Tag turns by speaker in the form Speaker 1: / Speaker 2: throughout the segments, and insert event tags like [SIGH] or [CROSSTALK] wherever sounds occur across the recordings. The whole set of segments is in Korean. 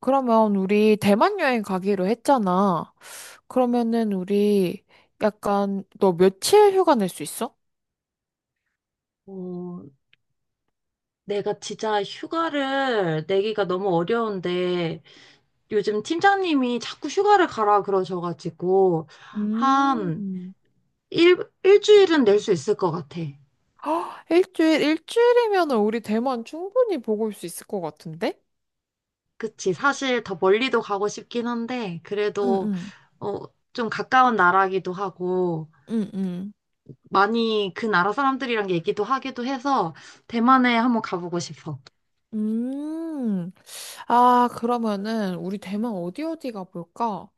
Speaker 1: 그러면 우리 대만 여행 가기로 했잖아. 그러면은 우리 약간 너 며칠 휴가 낼 수 있어?
Speaker 2: 어, 내가 진짜 휴가를 내기가 너무 어려운데 요즘 팀장님이 자꾸 휴가를 가라 그러셔가지고
Speaker 1: 음.
Speaker 2: 한
Speaker 1: [GASPS]
Speaker 2: 일, 일주일은 낼 수 있을 것 같아.
Speaker 1: 헉, 일주일, 일주일이면은 우리 대만 충분히 보고 올 수 있을 것 같은데?
Speaker 2: 그치. 사실 더 멀리도 가고 싶긴 한데
Speaker 1: 응,
Speaker 2: 그래도
Speaker 1: 응,
Speaker 2: 어, 좀 가까운 나라기도 하고
Speaker 1: 응, 응.
Speaker 2: 많이 그 나라 사람들이랑 얘기도 하기도 해서 대만에 한번 가보고 싶어.
Speaker 1: 음. 아, 그러면은 우리 대만 어디 어디 가볼까?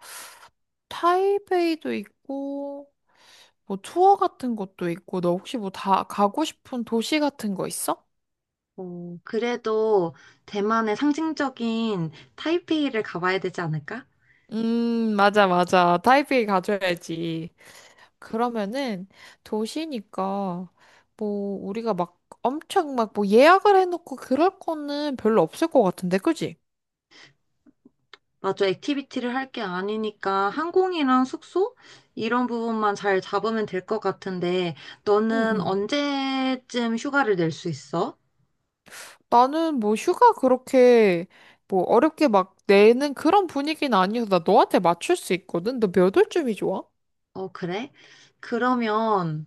Speaker 1: 타이베이도 있고, 뭐 투어 같은 것도 있고, 너 혹시 뭐 다 가고 싶은 도시 같은 거 있어?
Speaker 2: 어, 그래도 대만의 상징적인 타이페이를 가봐야 되지 않을까?
Speaker 1: 맞아, 맞아. 타이페이 가줘야지. 그러면은 도시니까 뭐 우리가 막 엄청 막 뭐 예약을 해놓고 그럴 거는 별로 없을 것 같은데, 그지?
Speaker 2: 맞아. 액티비티를 할 게 아니니까 항공이랑 숙소 이런 부분만 잘 잡으면 될 것 같은데
Speaker 1: 응,
Speaker 2: 너는
Speaker 1: 응.
Speaker 2: 언제쯤 휴가를 낼 수 있어?
Speaker 1: 나는 뭐 휴가 그렇게 뭐 어렵게 막 내는 그런 분위기는 아니어서 나 너한테 맞출 수 있거든. 너 몇 월쯤이 좋아?
Speaker 2: 어, 그래? 그러면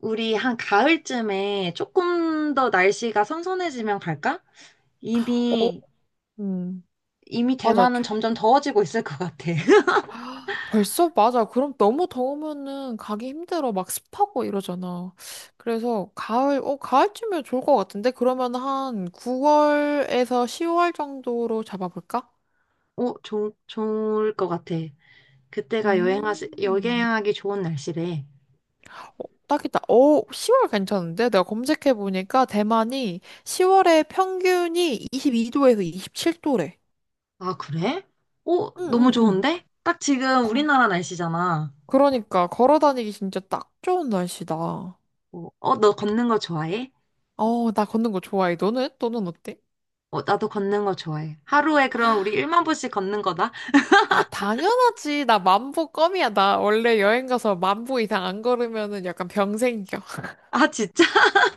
Speaker 2: 우리 한 가을쯤에 조금 더 날씨가 선선해지면 갈까?
Speaker 1: 어,
Speaker 2: 이미
Speaker 1: 음.
Speaker 2: 이미
Speaker 1: 맞아.
Speaker 2: 대만은 점점 더워지고 있을 것 같아. [LAUGHS]
Speaker 1: 아, 벌써? 맞아. 그럼 너무 더우면은 가기 힘들어. 막 습하고 이러잖아. 그래서 가을쯤이면 좋을 것 같은데? 그러면 한 9월에서 10월 정도로 잡아볼까?
Speaker 2: 어, 좋을 것 같아. 그때가
Speaker 1: 음,
Speaker 2: 여행하기 좋은 날씨래.
Speaker 1: 딱이다. 오 10월 괜찮은데? 내가 검색해보니까 대만이 10월에 평균이 22도에서 27도래.
Speaker 2: 아, 그래? 오,
Speaker 1: 응,
Speaker 2: 너무
Speaker 1: 응, 응.
Speaker 2: 좋은데? 딱 지금
Speaker 1: 거-
Speaker 2: 우리나라 날씨잖아.
Speaker 1: 그러니까 걸어 다니기 진짜 딱 좋은 날씨다.
Speaker 2: 어, 어, 너 걷는 거 좋아해?
Speaker 1: 어, 나 걷는 거 좋아해. 너는? 너는 어때?
Speaker 2: 어, 나도 걷는 거 좋아해. 하루에 그럼 우리 1만 보씩 걷는 거다.
Speaker 1: 아, 당연하지. 나 1만 보 껌이야. 나 원래 여행 가서 1만 보 이상 안 걸으면은 약간 병 생겨. [LAUGHS]
Speaker 2: 아, 진짜?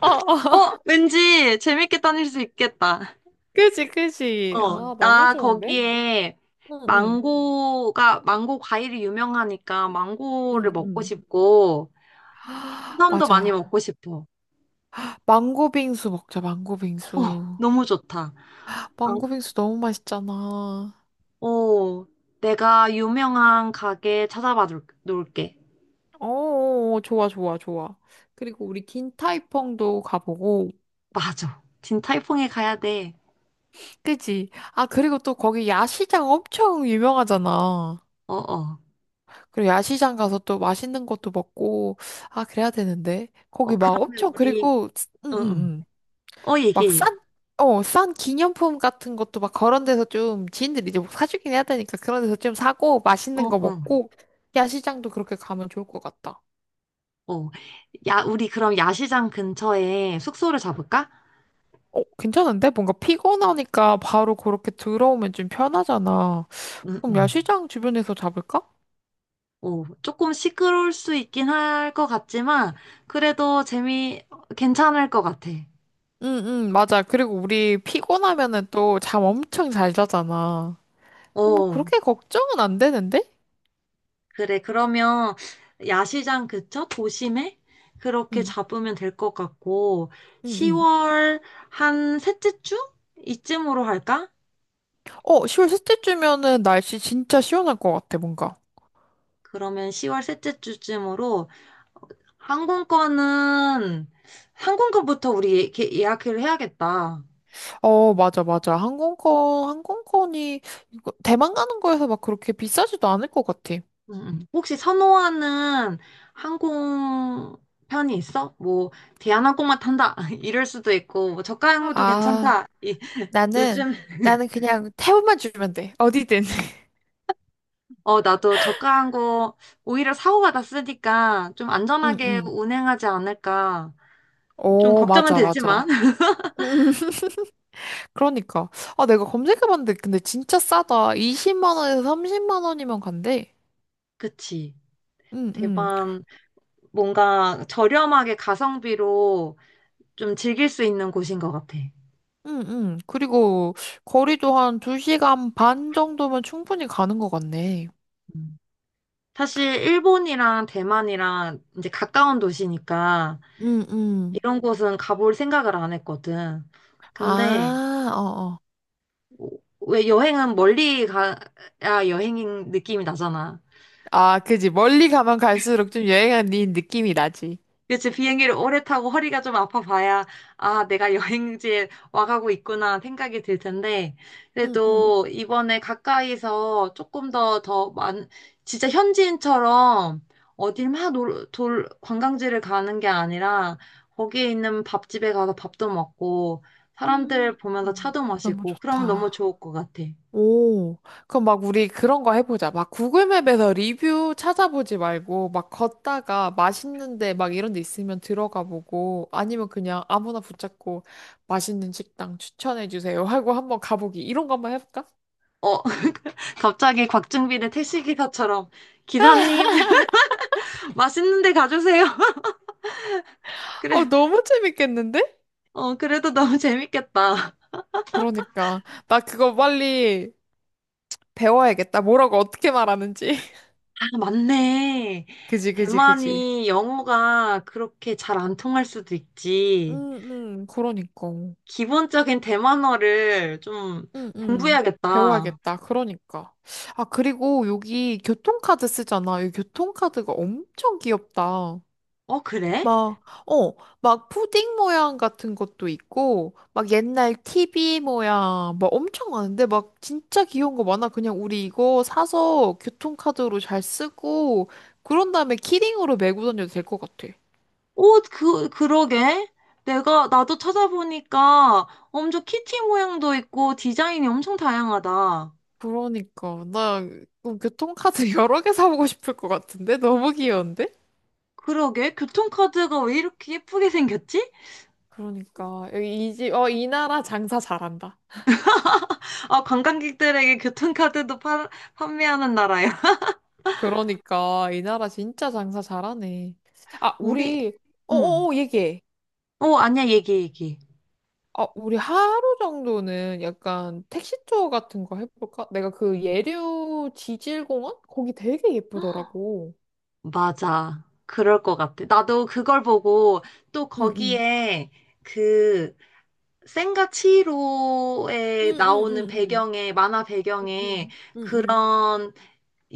Speaker 1: 어, 어.
Speaker 2: 어, 왠지 재밌게 다닐 수 있겠다.
Speaker 1: 그지, 그지.
Speaker 2: 어,
Speaker 1: 아, 너무
Speaker 2: 나
Speaker 1: 좋은데?
Speaker 2: 거기에
Speaker 1: 응, 응,
Speaker 2: 망고 과일이 유명하니까 망고를
Speaker 1: 응,
Speaker 2: 먹고
Speaker 1: 응.
Speaker 2: 싶고,
Speaker 1: [GASPS] 아,
Speaker 2: 해삼도 많이
Speaker 1: 맞아.
Speaker 2: 먹고 싶어.
Speaker 1: 망고 빙수 먹자, 망고
Speaker 2: 어,
Speaker 1: 빙수.
Speaker 2: 너무 좋다. 망-
Speaker 1: 망고 빙수 너무 맛있잖아.
Speaker 2: 어, 내가 유명한 가게 찾아봐 놓을게.
Speaker 1: 오, 좋아, 좋아, 좋아. 그리고 우리 긴타이펑도 가보고.
Speaker 2: 맞아. 진타이퐁에 가야 돼.
Speaker 1: 그지? 아, 그리고 또 거기 야시장 엄청 유명하잖아.
Speaker 2: 어, 어.
Speaker 1: 그리고 야시장 가서 또 맛있는 것도 먹고, 아, 그래야 되는데. 거기
Speaker 2: 어,
Speaker 1: 막
Speaker 2: 그러면
Speaker 1: 엄청,
Speaker 2: 우리,
Speaker 1: 그리고, 응,
Speaker 2: 응,
Speaker 1: 응,
Speaker 2: 응.
Speaker 1: 응.
Speaker 2: 어,
Speaker 1: 막
Speaker 2: 얘기해.
Speaker 1: 싼 기념품 같은 것도 막 그런 데서 좀, 지인들이 이제 뭐 사주긴 해야 되니까 그런 데서 좀 사고,
Speaker 2: 어,
Speaker 1: 맛있는 거
Speaker 2: 어,
Speaker 1: 먹고, 야시장도 그렇게 가면 좋을 것 같다.
Speaker 2: 어. 야, 우리 그럼 야시장 근처에 숙소를 잡을까?
Speaker 1: 어, 괜찮은데? 뭔가 피곤하니까 바로 그렇게 들어오면 좀 편하잖아.
Speaker 2: 응,
Speaker 1: 그럼
Speaker 2: 응.
Speaker 1: 야시장 주변에서 잡을까?
Speaker 2: 어, 조금 시끄러울 수 있긴 할 것 같지만, 그래도 재미, 괜찮을 것 같아.
Speaker 1: 응, 응, 맞아. 그리고 우리 피곤하면은 또 잠 엄청 잘 자잖아. 어, 뭐
Speaker 2: 어,
Speaker 1: 그렇게 걱정은 안 되는데?
Speaker 2: 그래. 그러면 야시장 그쵸? 도심에? 그렇게
Speaker 1: 응,
Speaker 2: 잡으면 될 것 같고,
Speaker 1: 응, 응.
Speaker 2: 10월 한 셋째 주? 이쯤으로 할까?
Speaker 1: 어, 10월 셋째 주면은 날씨 진짜 시원할 것 같아, 뭔가.
Speaker 2: 그러면 10월 셋째 주쯤으로 항공권은 항공권부터 우리 예약을 해야겠다.
Speaker 1: 어, 맞아, 맞아. 항공권이, 이거 대만 가는 거에서 막 그렇게 비싸지도 않을 것 같아.
Speaker 2: 혹시 선호하는 항공편이 있어? 뭐 대한항공만 탄다 [LAUGHS] 이럴 수도 있고 뭐 저가항공도
Speaker 1: 아,
Speaker 2: 괜찮다. 이,
Speaker 1: 나는,
Speaker 2: 요즘
Speaker 1: 나는 그냥 태움만 주면 돼. 어디든. [LAUGHS]
Speaker 2: 어 나도 저가항공 오히려 사고가 났으니까 좀
Speaker 1: 응,
Speaker 2: 안전하게
Speaker 1: 응.
Speaker 2: 운행하지 않을까 좀
Speaker 1: 어,
Speaker 2: 걱정은
Speaker 1: 맞아, 맞아.
Speaker 2: 되지만 [LAUGHS]
Speaker 1: 음. [LAUGHS] 그러니까. 아, 내가 검색해봤는데, 근데 진짜 싸다. 20만 원에서 30만 원이면 간대.
Speaker 2: 그치.
Speaker 1: 응, 응.
Speaker 2: 대만 뭔가 저렴하게 가성비로 좀 즐길 수 있는 곳인 것 같아.
Speaker 1: 응응. 그리고 거리도 한 2시간 반 정도면 충분히 가는 것 같네.
Speaker 2: 음. 사실 일본이랑 대만이랑 이제 가까운 도시니까
Speaker 1: 응, 응.
Speaker 2: 이런 곳은 가볼 생각을 안 했거든. 근데
Speaker 1: 아, 어어.
Speaker 2: 왜 여행은 멀리 가야 여행인 느낌이 나잖아.
Speaker 1: 아, 그지. 멀리 가면 갈수록 좀 여행한 니 느낌이 나지.
Speaker 2: 그치, 비행기를 오래 타고 허리가 좀 아파 봐야, 아, 내가 여행지에 와가고 있구나 생각이 들 텐데,
Speaker 1: 응, 응.
Speaker 2: 그래도 이번에 가까이서 조금 더, 진짜 현지인처럼 어딜 막 관광지를 가는 게 아니라, 거기에 있는 밥집에 가서 밥도 먹고,
Speaker 1: 음,
Speaker 2: 사람들 보면서 차도
Speaker 1: 너무
Speaker 2: 마시고, 그러면 너무
Speaker 1: 좋다.
Speaker 2: 좋을 것 같아.
Speaker 1: 오, 그럼 막 우리 그런 거 해보자. 막 구글맵에서 리뷰 찾아보지 말고, 막 걷다가 맛있는데 막 이런 데 있으면 들어가 보고, 아니면 그냥 아무나 붙잡고 맛있는 식당 추천해주세요 [LAUGHS] 하고 한번 가보기. 이런 거 한번 해볼까?
Speaker 2: 어, [LAUGHS] 갑자기 곽중빈의 택시기사처럼, 기사님, [LAUGHS] 맛있는 데 가주세요. [LAUGHS]
Speaker 1: 어,
Speaker 2: 그래.
Speaker 1: 너무 재밌겠는데?
Speaker 2: 어, 그래도 너무 재밌겠다. [LAUGHS]
Speaker 1: 그러니까. 나 그거 빨리 배워야겠다. 뭐라고 어떻게 말하는지. [LAUGHS]
Speaker 2: 아, 맞네.
Speaker 1: 그지, 그지, 그지.
Speaker 2: 대만이 영어가 그렇게 잘 안 통할 수도 있지.
Speaker 1: 응응. 그러니까.
Speaker 2: 기본적인 대만어를 좀
Speaker 1: 응, 응.
Speaker 2: 공부해야겠다.
Speaker 1: 배워야겠다. 그러니까. 아, 그리고 여기 교통카드 쓰잖아. 이 교통카드가 엄청 귀엽다.
Speaker 2: 어, 그래?
Speaker 1: 막, 어, 막 푸딩 모양 같은 것도 있고, 막 옛날 TV 모양, 막 엄청 많은데, 막 진짜 귀여운 거 많아. 그냥 우리 이거 사서 교통카드로 잘 쓰고, 그런 다음에 키링으로 메고 다녀도 될 것 같아.
Speaker 2: 어, 그, 그러게. 나도 찾아보니까 엄청 키티 모양도 있고 디자인이 엄청 다양하다.
Speaker 1: 그러니까. 나 교통카드 [LAUGHS] 여러 개 사보고 싶을 것 같은데? 너무 귀여운데?
Speaker 2: 그러게. 교통카드가 왜 이렇게 예쁘게 생겼지?
Speaker 1: 그러니까 여기 이 나라 장사 잘한다.
Speaker 2: 아, 관광객들에게 교통카드도 판매하는 나라야. [LAUGHS]
Speaker 1: 그러니까 이 나라 진짜 장사 잘하네. 아,
Speaker 2: 우리,
Speaker 1: 우리
Speaker 2: 응.
Speaker 1: 어어어 얘기해.
Speaker 2: 어, 아니야, 얘기, 얘기.
Speaker 1: 아, 우리 하루 정도는 약간 택시 투어 같은 거 해볼까? 내가 그 예류 지질공원 거기 되게 예쁘더라고.
Speaker 2: 맞아. 그럴 것 같아. 나도 그걸 보고 또
Speaker 1: 응응.
Speaker 2: 거기에 그 센과 치히로에 나오는
Speaker 1: 응응응응.
Speaker 2: 배경에, 만화 배경에
Speaker 1: 응 응응.
Speaker 2: 그런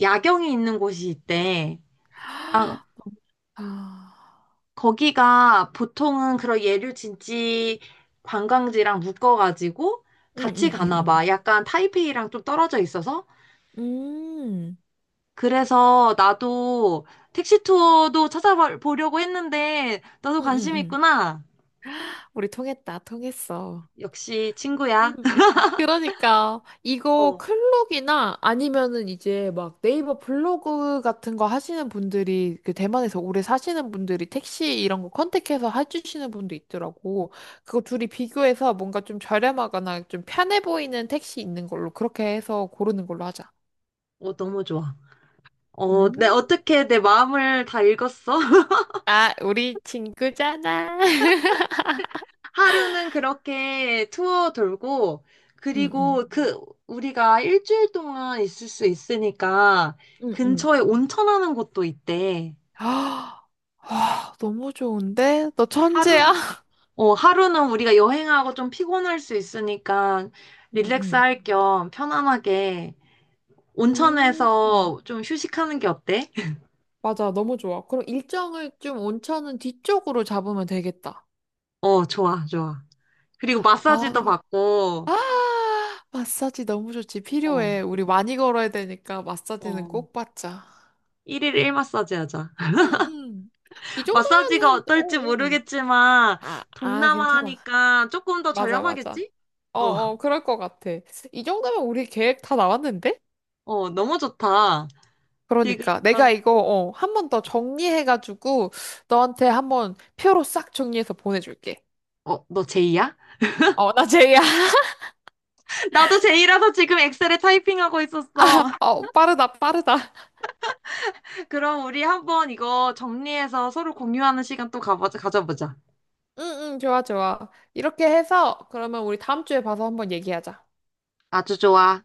Speaker 2: 야경이 있는 곳이 있대. 아,
Speaker 1: 아,
Speaker 2: 거기가 보통은 그런 예류 진지 관광지랑 묶어가지고 같이 가나
Speaker 1: 응응응응.
Speaker 2: 봐. 약간 타이페이랑 좀 떨어져 있어서
Speaker 1: 음,
Speaker 2: 그래서 나도 택시 투어도 찾아보려고 했는데, 너도 관심
Speaker 1: 응응응.
Speaker 2: 있구나.
Speaker 1: 우리 통했다, 통했어.
Speaker 2: 역시
Speaker 1: 음,
Speaker 2: 친구야.
Speaker 1: 음. 그러니까 이거
Speaker 2: 어,
Speaker 1: 클록이나 아니면은 이제 막 네이버 블로그 같은 거 하시는 분들이 그 대만에서 오래 사시는 분들이 택시 이런 거 컨택해서 해주시는 분도 있더라고. 그거 둘이 비교해서 뭔가 좀 저렴하거나 좀 편해 보이는 택시 있는 걸로 그렇게 해서 고르는 걸로 하자.
Speaker 2: 어, 너무 좋아. 어,
Speaker 1: 음,
Speaker 2: 어떻게 내 마음을 다 읽었어? [LAUGHS]
Speaker 1: 아, 우리 친구잖아. [LAUGHS]
Speaker 2: 하루는 그렇게 투어 돌고,
Speaker 1: 응응
Speaker 2: 그리고 그, 우리가 일주일 동안 있을 수 있으니까,
Speaker 1: 응응
Speaker 2: 근처에 온천하는 곳도 있대.
Speaker 1: 아, [GASPS] 와, 너무 좋은데? 너
Speaker 2: 하루?
Speaker 1: 천재야? [LAUGHS]
Speaker 2: 어, 하루는 우리가 여행하고 좀 피곤할 수 있으니까, 릴렉스
Speaker 1: 응응
Speaker 2: 할 겸 편안하게
Speaker 1: 음.
Speaker 2: 온천에서 좀 휴식하는 게 어때? [LAUGHS]
Speaker 1: 맞아, 너무 좋아. 그럼 일정을 좀 온천은 뒤쪽으로 잡으면 되겠다.
Speaker 2: 어, 좋아, 좋아. 그리고 마사지도
Speaker 1: 아,
Speaker 2: 받고,
Speaker 1: 아, 마사지 너무 좋지.
Speaker 2: 어,
Speaker 1: 필요해. 우리 많이 걸어야 되니까 마사지는
Speaker 2: 어,
Speaker 1: 꼭 받자.
Speaker 2: 1일 1 마사지 하자.
Speaker 1: 응, 응. 이
Speaker 2: [LAUGHS] 마사지가
Speaker 1: 정도면은, 어,
Speaker 2: 어떨지
Speaker 1: 어.
Speaker 2: 모르겠지만,
Speaker 1: 아, 아, 괜찮아.
Speaker 2: 동남아니까 조금 더
Speaker 1: 맞아, 맞아.
Speaker 2: 저렴하겠지?
Speaker 1: 어,
Speaker 2: 어,
Speaker 1: 어, 그럴 것 같아. 이 정도면 우리 계획 다 나왔는데?
Speaker 2: 어, 너무 좋다. 지금,
Speaker 1: 그러니까 내가 이거 한 번 더 정리해가지고 너한테 한번 표로 싹 정리해서 보내줄게.
Speaker 2: 어, 너 제이야?
Speaker 1: 어, 나 제이야. [LAUGHS]
Speaker 2: [LAUGHS] 나도 제이라서 지금 엑셀에 타이핑하고 있었어.
Speaker 1: 어, 빠르다, 빠르다.
Speaker 2: [LAUGHS] 그럼 우리 한번 이거 정리해서 서로 공유하는 시간 또 가져보자.
Speaker 1: 응, 응, 좋아, 좋아. 이렇게 해서 그러면 우리 다음 주에 봐서 한번 얘기하자.
Speaker 2: 아주 좋아.